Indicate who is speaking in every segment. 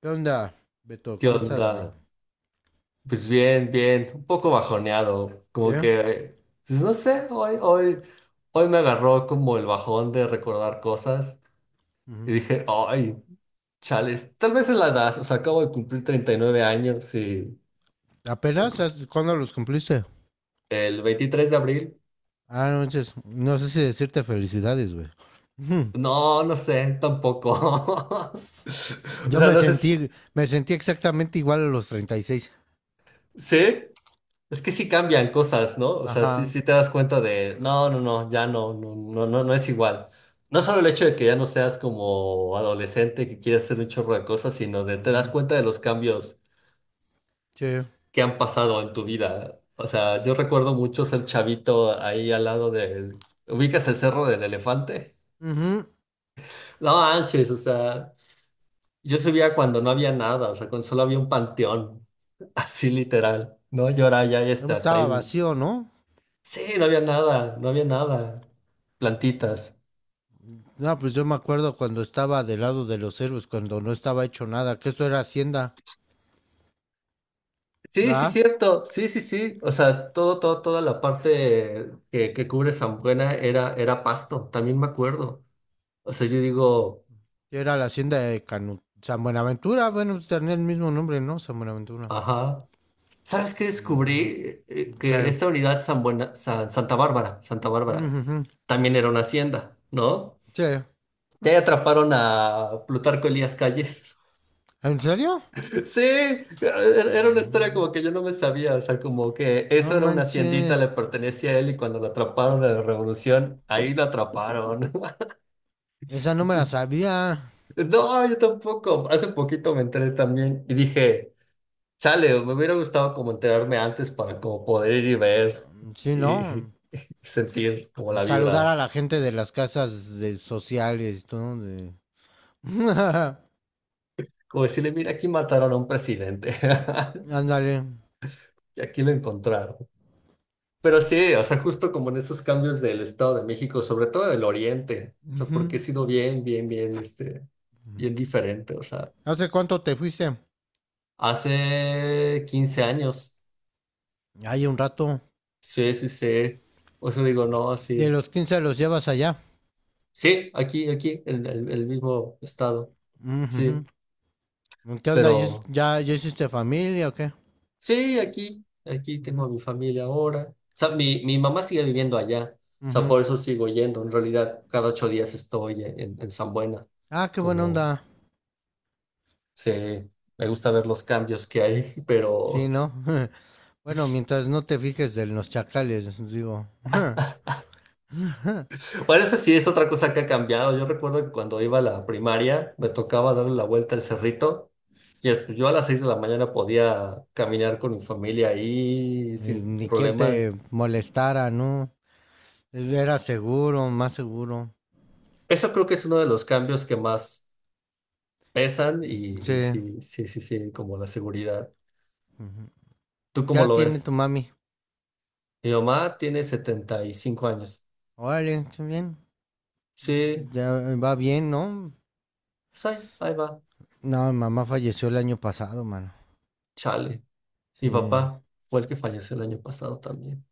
Speaker 1: ¿Qué onda, Beto?
Speaker 2: ¿Qué
Speaker 1: ¿Cómo estás, bro?
Speaker 2: onda? Pues bien, bien, un poco bajoneado,
Speaker 1: ¿Sí?
Speaker 2: como que, pues no sé, hoy me agarró como el bajón de recordar cosas y
Speaker 1: Ujú.
Speaker 2: dije, ay, chales, tal vez es la edad, o sea, acabo de cumplir 39 años y
Speaker 1: ¿Apenas? ¿Cuándo los cumpliste?
Speaker 2: el 23 de abril,
Speaker 1: Ah, no, manches, no sé si decirte felicidades, güey. Ujú.
Speaker 2: no, no sé, tampoco. O
Speaker 1: Yo
Speaker 2: sea,
Speaker 1: me
Speaker 2: no sé,
Speaker 1: sentí, me sentí exactamente igual a los 36.
Speaker 2: ¿sí? Es que sí cambian cosas, ¿no? O sea, sí,
Speaker 1: Ajá.
Speaker 2: sí te das cuenta de, ya no, no es igual. No solo el hecho de que ya no seas como adolescente que quieres hacer un chorro de cosas, sino de te das
Speaker 1: Ujú.
Speaker 2: cuenta de los cambios
Speaker 1: Sí.
Speaker 2: que han pasado en tu vida. O sea, yo recuerdo mucho ser chavito ahí al lado del... ¿Ubicas el Cerro del Elefante?
Speaker 1: Ujú.
Speaker 2: No, manches, o sea, yo subía cuando no había nada, o sea, cuando solo había un panteón, así literal, ¿no? Y ahora ya, ya
Speaker 1: Yo
Speaker 2: está, hasta
Speaker 1: estaba
Speaker 2: ahí.
Speaker 1: vacío, ¿no?
Speaker 2: Sí, no había nada, no había nada. Plantitas.
Speaker 1: No, pues yo me acuerdo cuando estaba del lado de los héroes, cuando no estaba hecho nada, que esto era hacienda,
Speaker 2: Sí, sí,
Speaker 1: ¿verdad?
Speaker 2: cierto. Sí, sí, sí. O sea, toda la parte que cubre San Buena era, era pasto, también me acuerdo. O sea, yo digo,
Speaker 1: Que era la hacienda de Canu, San Buenaventura, bueno, pues tenía el mismo nombre, ¿no? San Buenaventura.
Speaker 2: ajá. ¿Sabes qué
Speaker 1: Ujú.
Speaker 2: descubrí? Que
Speaker 1: ¿Qué?
Speaker 2: esta unidad San Buena, Santa Bárbara,
Speaker 1: Ujujú.
Speaker 2: también era una hacienda, ¿no?
Speaker 1: Sí.
Speaker 2: Ya atraparon a Plutarco Elías Calles.
Speaker 1: ¿En serio?
Speaker 2: Sí, era una historia
Speaker 1: No,
Speaker 2: como que yo no me sabía, o sea, como que
Speaker 1: no
Speaker 2: eso era una haciendita, le
Speaker 1: manches.
Speaker 2: pertenecía a él y cuando lo atraparon en la revolución, ahí lo atraparon.
Speaker 1: Esa no me la sabía.
Speaker 2: No, yo tampoco, hace poquito me enteré también y dije, chale, me hubiera gustado como enterarme antes para como poder ir y ver
Speaker 1: Sí,
Speaker 2: y y
Speaker 1: ¿no?
Speaker 2: sentir como la
Speaker 1: Saludar
Speaker 2: vibra,
Speaker 1: a la gente de las casas de sociales, todo de...
Speaker 2: como decirle, mira, aquí mataron a un presidente. Sí,
Speaker 1: Ándale.
Speaker 2: y aquí lo encontraron. Pero sí, o sea, justo como en esos cambios del Estado de México, sobre todo del Oriente, o sea, porque he
Speaker 1: Ujú.
Speaker 2: sido bien diferente, o sea,
Speaker 1: ¿Hace cuánto te fuiste?
Speaker 2: hace 15 años,
Speaker 1: Hay un rato.
Speaker 2: sí, sí, sí, o sea, digo, no,
Speaker 1: De
Speaker 2: sí,
Speaker 1: los 15 los llevas allá.
Speaker 2: sí, aquí, en el mismo estado,
Speaker 1: Ujujú.
Speaker 2: sí,
Speaker 1: ¿Qué onda? ¿Ya,
Speaker 2: pero
Speaker 1: ya- ya hiciste familia o qué?
Speaker 2: sí, aquí tengo
Speaker 1: Ujú,
Speaker 2: a mi familia ahora, o sea, mi mamá sigue viviendo allá, o sea,
Speaker 1: ujú.
Speaker 2: por eso sigo yendo, en realidad, cada 8 días estoy en San Buena,
Speaker 1: Ah, qué buena
Speaker 2: como.
Speaker 1: onda.
Speaker 2: Sí, me gusta ver los cambios que hay,
Speaker 1: Sí,
Speaker 2: pero
Speaker 1: ¿no? Bueno, mientras no te fijes de los chacales, digo.
Speaker 2: bueno, eso sí es otra cosa que ha cambiado. Yo recuerdo que cuando iba a la primaria me tocaba darle la vuelta al cerrito y pues, yo a las 6 de la mañana podía caminar con mi familia ahí
Speaker 1: Ni,
Speaker 2: sin
Speaker 1: ni quien te
Speaker 2: problemas.
Speaker 1: molestara, ¿no? Era seguro, más seguro.
Speaker 2: Eso creo que es uno de los cambios que más pesan y
Speaker 1: Sí.
Speaker 2: sí, como la seguridad.
Speaker 1: Ujú.
Speaker 2: ¿Tú cómo
Speaker 1: Ya
Speaker 2: lo
Speaker 1: tiene tu
Speaker 2: ves?
Speaker 1: mami.
Speaker 2: Mi mamá tiene 75 años.
Speaker 1: Órale, está bien.
Speaker 2: Sí,
Speaker 1: Ya va bien, ¿no?
Speaker 2: pues ahí, ahí va,
Speaker 1: No, mi mamá falleció el año pasado, mano.
Speaker 2: chale. Mi
Speaker 1: Sí.
Speaker 2: papá fue el que falleció el año pasado también.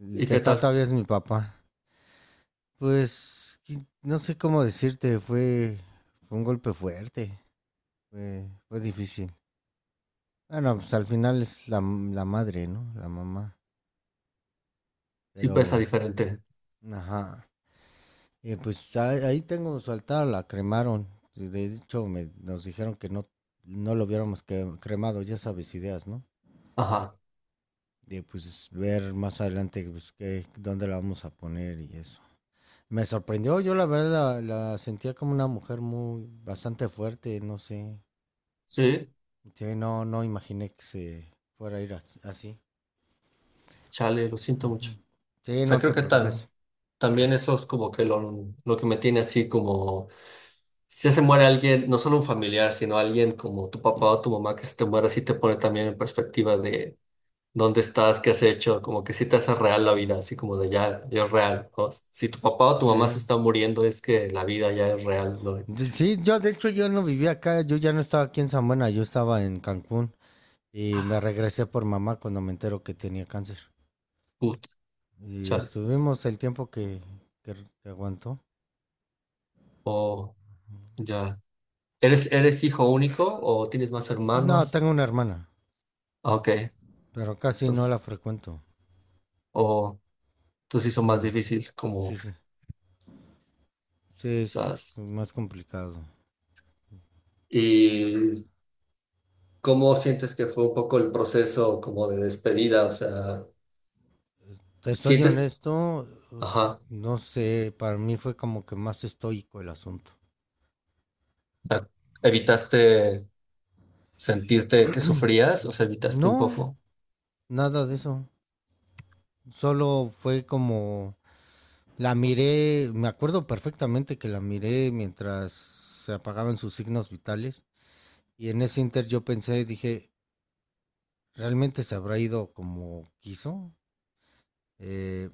Speaker 1: El
Speaker 2: ¿Y
Speaker 1: que
Speaker 2: qué
Speaker 1: está
Speaker 2: tal?
Speaker 1: todavía es mi papá. Pues, no sé cómo decirte, fue un golpe fuerte. Fue difícil. Bueno, pues al final es la madre, ¿no? La mamá.
Speaker 2: Sí pesa
Speaker 1: Pero,
Speaker 2: diferente.
Speaker 1: ajá. Pues ahí tengo su altar, la cremaron. Y de hecho, nos dijeron que no lo hubiéramos cremado, ya sabes, ideas, ¿no?
Speaker 2: Ajá.
Speaker 1: De pues ver más adelante pues, qué, dónde la vamos a poner y eso. Me sorprendió, yo la verdad la sentía como una mujer bastante fuerte, no sé.
Speaker 2: Sí,
Speaker 1: Sí, no imaginé que se fuera a ir así.
Speaker 2: chale, lo siento
Speaker 1: Ujú.
Speaker 2: mucho. O
Speaker 1: Sí,
Speaker 2: sea,
Speaker 1: no
Speaker 2: creo
Speaker 1: te
Speaker 2: que
Speaker 1: preocupes.
Speaker 2: también eso es como que lo que me tiene así como... Si se muere alguien, no solo un familiar, sino alguien como tu papá o tu mamá que se te muere, sí te pone también en perspectiva de dónde estás, qué has hecho, como que sí te hace real la vida,
Speaker 1: Mm.
Speaker 2: así como de ya, ya es real, ¿no? Si tu papá o tu mamá
Speaker 1: Sí.
Speaker 2: se está muriendo, es que la vida ya es real, ¿no?
Speaker 1: Sí, yo de hecho yo no vivía acá, yo ya no estaba aquí en San Buena, yo estaba en Cancún. Y me regresé por mamá cuando me entero que tenía cáncer.
Speaker 2: Puta,
Speaker 1: Y
Speaker 2: chale.
Speaker 1: estuvimos el tiempo que, que aguantó.
Speaker 2: Oh, ya. ¿Eres, eres hijo único o tienes más
Speaker 1: No,
Speaker 2: hermanos?
Speaker 1: tengo una hermana,
Speaker 2: Ah, ok,
Speaker 1: pero casi no
Speaker 2: entonces,
Speaker 1: la frecuento.
Speaker 2: o entonces hizo más
Speaker 1: Estamos.
Speaker 2: difícil, como
Speaker 1: Sí, sí. Sí, es
Speaker 2: quizás.
Speaker 1: más complicado.
Speaker 2: ¿Y cómo sientes que fue un poco el proceso como de despedida? O sea,
Speaker 1: Te soy
Speaker 2: ¿sientes,
Speaker 1: honesto,
Speaker 2: ajá,
Speaker 1: no sé, para mí fue como que más estoico el asunto.
Speaker 2: o sea, evitaste sentirte que sufrías? O sea, evitaste un
Speaker 1: No,
Speaker 2: poco.
Speaker 1: nada de eso. Solo fue como la miré, me acuerdo perfectamente que la miré mientras se apagaban sus signos vitales. Y en ese inter yo pensé, dije, ¿realmente se habrá ido como quiso? Eh,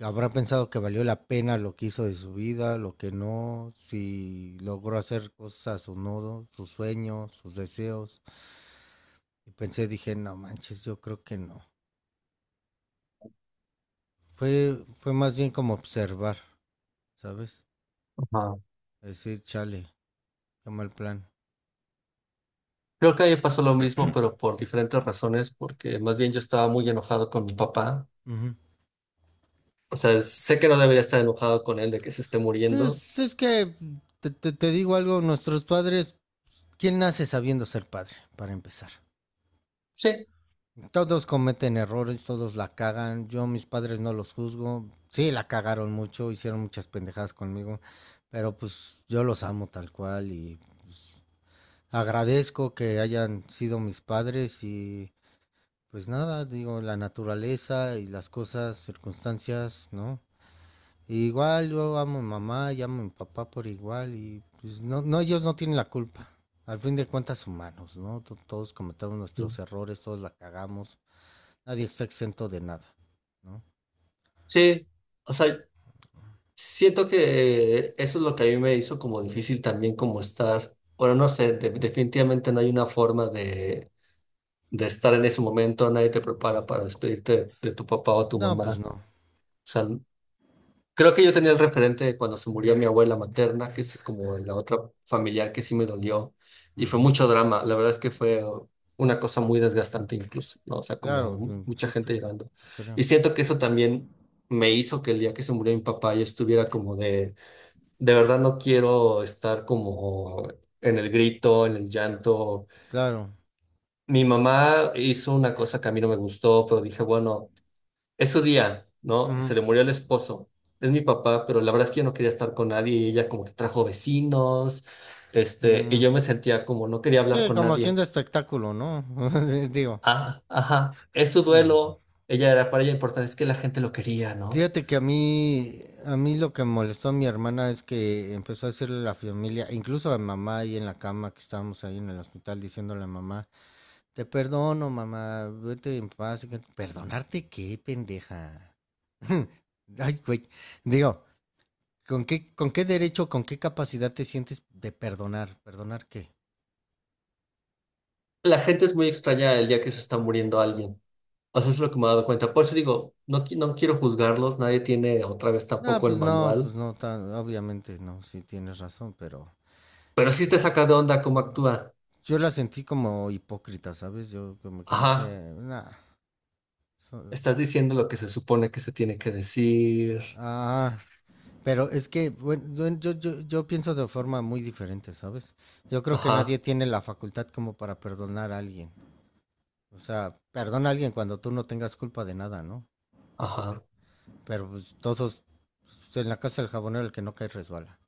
Speaker 1: ¿Habrá pensado que valió la pena lo que hizo de su vida, lo que no, si logró hacer cosas o no, sus sueños, sus deseos? Y pensé, dije, no manches, yo creo que no. Fue más bien como observar, ¿sabes?
Speaker 2: Ajá.
Speaker 1: Decir, chale, qué mal plan.
Speaker 2: Creo que a mí me pasó lo mismo, pero por diferentes razones, porque más bien yo estaba muy enojado con mi papá.
Speaker 1: Ujú.
Speaker 2: O sea, sé que no debería estar enojado con él de que se esté muriendo.
Speaker 1: Entonces, es que te digo algo, nuestros padres, ¿quién nace sabiendo ser padre, para empezar?
Speaker 2: Sí.
Speaker 1: Todos cometen errores, todos la cagan. Yo mis padres no los juzgo. Sí, la cagaron mucho, hicieron muchas pendejadas conmigo, pero pues yo los amo tal cual y agradezco que hayan sido mis padres y pues nada, digo, la naturaleza y las cosas, circunstancias, ¿no? Y igual yo amo a mi mamá y amo a mi papá por igual y pues no ellos no tienen la culpa. Al fin de cuentas humanos, ¿no? Todos cometemos nuestros errores, todos la cagamos. Nadie está exento de nada, ¿no?
Speaker 2: Sí, o sea, siento que eso es lo que a mí me hizo como difícil también como estar, bueno, no sé, definitivamente no hay una forma de estar en ese momento, nadie te
Speaker 1: Ujú.
Speaker 2: prepara para despedirte de tu papá o tu
Speaker 1: No,
Speaker 2: mamá,
Speaker 1: pues
Speaker 2: o
Speaker 1: no.
Speaker 2: sea. Creo que yo tenía el referente de cuando se murió mi abuela materna, que es como la otra familiar que sí me dolió, y fue
Speaker 1: Ujú.
Speaker 2: mucho drama. La verdad es que fue una cosa muy desgastante incluso, ¿no? O sea, como
Speaker 1: Claro,
Speaker 2: mucha
Speaker 1: sí, te,
Speaker 2: gente llorando.
Speaker 1: te
Speaker 2: Y
Speaker 1: creo.
Speaker 2: siento que eso también me hizo que el día que se murió mi papá yo estuviera como de verdad no quiero estar como en el grito, en el llanto.
Speaker 1: Claro.
Speaker 2: Mi mamá hizo una cosa que a mí no me gustó, pero dije, bueno. Es su día, ¿no? Se
Speaker 1: Ujú.
Speaker 2: le murió el esposo. Es mi papá, pero la verdad es que yo no quería estar con nadie y ella como que trajo vecinos, este, y
Speaker 1: Mm,
Speaker 2: yo me sentía como no quería hablar
Speaker 1: sí,
Speaker 2: con
Speaker 1: como
Speaker 2: nadie.
Speaker 1: haciendo espectáculo, ¿no? Digo,
Speaker 2: Ah, ajá, es su
Speaker 1: mm,
Speaker 2: duelo. Ella era para ella importante, es que la gente lo quería, ¿no?
Speaker 1: fíjate que a mí lo que molestó a mi hermana es que empezó a decirle a la familia, incluso a mamá ahí en la cama que estábamos ahí en el hospital, diciéndole a mamá, te perdono, mamá, vete en paz. ¿Perdonarte qué, pendeja? Ay, güey. Digo, ¿Con qué derecho, con qué capacidad te sientes de perdonar? ¿Perdonar qué?
Speaker 2: La gente es muy extraña el día que se está muriendo alguien. O sea, eso es lo que me he dado cuenta. Por eso digo, no, no quiero juzgarlos, nadie tiene otra vez
Speaker 1: No,
Speaker 2: tampoco el
Speaker 1: pues no,
Speaker 2: manual,
Speaker 1: pues no, obviamente no, sí tienes razón, pero
Speaker 2: pero sí te saca de onda cómo actúa.
Speaker 1: yo la sentí como hipócrita, ¿sabes? Yo como que
Speaker 2: Ajá,
Speaker 1: dije, nah, so-
Speaker 2: estás diciendo lo que se supone que se tiene que decir.
Speaker 1: ah, pero es que bueno, yo pienso de forma muy diferente, ¿sabes? Yo creo que nadie
Speaker 2: Ajá.
Speaker 1: tiene la facultad como para perdonar a alguien. O sea, perdona a alguien cuando tú no tengas culpa de nada, ¿no?
Speaker 2: Ajá,
Speaker 1: Pero pues, todos, pues, en la casa del jabonero el que no cae resbala.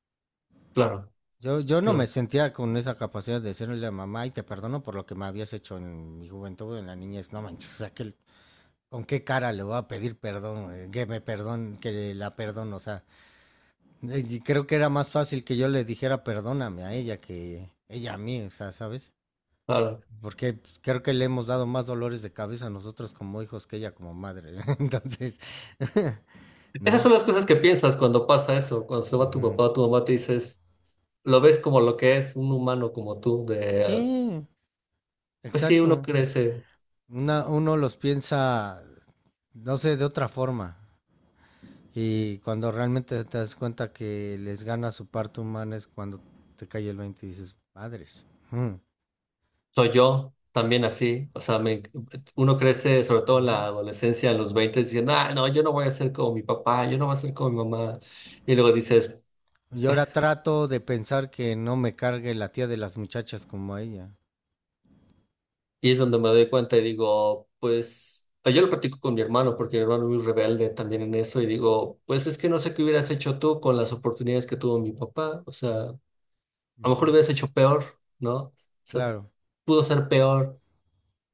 Speaker 2: claro,
Speaker 1: Yo no me
Speaker 2: claro,
Speaker 1: sentía con esa capacidad de decirle a mamá, y te perdono por lo que me habías hecho en mi juventud, en la niñez, no manches, o sea, que, ¿con qué cara le voy a pedir perdón, güey? Que la perdono, o sea, y creo que era más fácil que yo le dijera perdóname a ella que ella a mí, o sea, ¿sabes?
Speaker 2: claro.
Speaker 1: Porque pues, creo que le hemos dado más dolores de cabeza a nosotros como hijos que ella como madre, entonces,
Speaker 2: Esas
Speaker 1: no.
Speaker 2: son las cosas que piensas cuando pasa eso, cuando se va tu
Speaker 1: Ujú.
Speaker 2: papá o tu mamá, te dices, lo ves como lo que es, un humano como tú, de, ah,
Speaker 1: Sí,
Speaker 2: pues sí, uno
Speaker 1: exacto.
Speaker 2: crece,
Speaker 1: Uno los piensa no sé, de otra forma. Y cuando realmente te das cuenta que les gana su parte humana es cuando te cae el 20 y dices, madres. Mm.
Speaker 2: soy yo también así, o sea, uno crece sobre todo en la
Speaker 1: Ujú.
Speaker 2: adolescencia, en los 20 diciendo, ah, no, yo no voy a ser como mi papá, yo no voy a ser como mi mamá, y luego dices,
Speaker 1: Y ahora trato de pensar que no me cargue la tía de las muchachas como a ella.
Speaker 2: Y es donde me doy cuenta y digo, pues, ah, yo lo platico con mi hermano, porque mi hermano es muy rebelde también en eso, y digo, pues es que no sé qué hubieras hecho tú con las oportunidades que tuvo mi papá, o sea, a lo mejor lo
Speaker 1: Ujú.
Speaker 2: hubieras hecho peor, ¿no? O sea,
Speaker 1: Claro,
Speaker 2: pudo ser peor,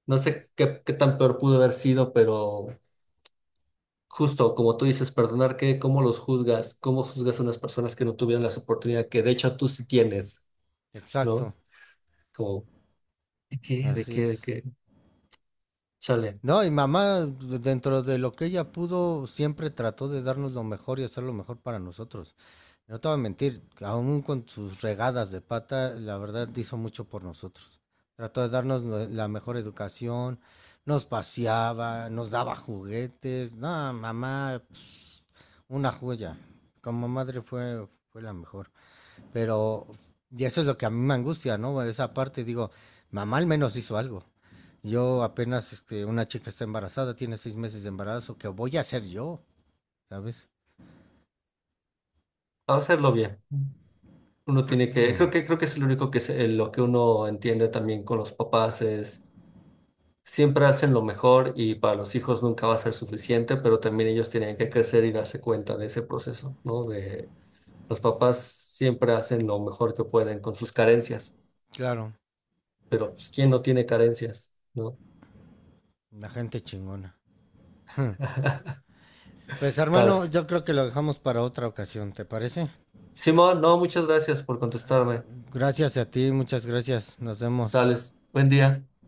Speaker 2: no sé qué, qué tan peor pudo haber sido, pero justo como tú dices, perdonar, ¿qué? ¿Cómo los juzgas? ¿Cómo juzgas a unas personas que no tuvieron las oportunidades que de hecho tú sí tienes, ¿no?
Speaker 1: exacto,
Speaker 2: Como, ¿de qué? ¿De
Speaker 1: así
Speaker 2: qué? ¿De
Speaker 1: es.
Speaker 2: qué? Chale,
Speaker 1: No, y mamá, dentro de lo que ella pudo, siempre trató de darnos lo mejor y hacer lo mejor para nosotros. No te voy a mentir, aún con sus regadas de pata, la verdad hizo mucho por nosotros. Trató de darnos la mejor educación, nos paseaba, nos daba juguetes. No, mamá, pues, una joya. Como madre fue la mejor. Pero, y eso es lo que a mí me angustia, ¿no? Bueno, esa parte, digo, mamá al menos hizo algo. Yo apenas, una chica está embarazada, tiene 6 meses de embarazo, ¿qué voy a hacer yo? ¿Sabes?
Speaker 2: vamos a hacerlo bien. Uno tiene que, creo que, creo que es lo único que es, lo que uno entiende también con los papás es, siempre hacen lo mejor y para los hijos nunca va a ser suficiente, pero también ellos tienen que crecer y darse cuenta de ese proceso, ¿no? De los papás siempre hacen lo mejor que pueden con sus carencias,
Speaker 1: Claro,
Speaker 2: pero pues, ¿quién no tiene carencias, ¿no?
Speaker 1: la gente chingona. Pues
Speaker 2: Tal.
Speaker 1: hermano, yo creo que lo dejamos para otra ocasión, ¿te parece?
Speaker 2: Simón, no, muchas gracias por contestarme.
Speaker 1: Gracias a ti, muchas gracias, nos vemos.
Speaker 2: Sales. Buen día.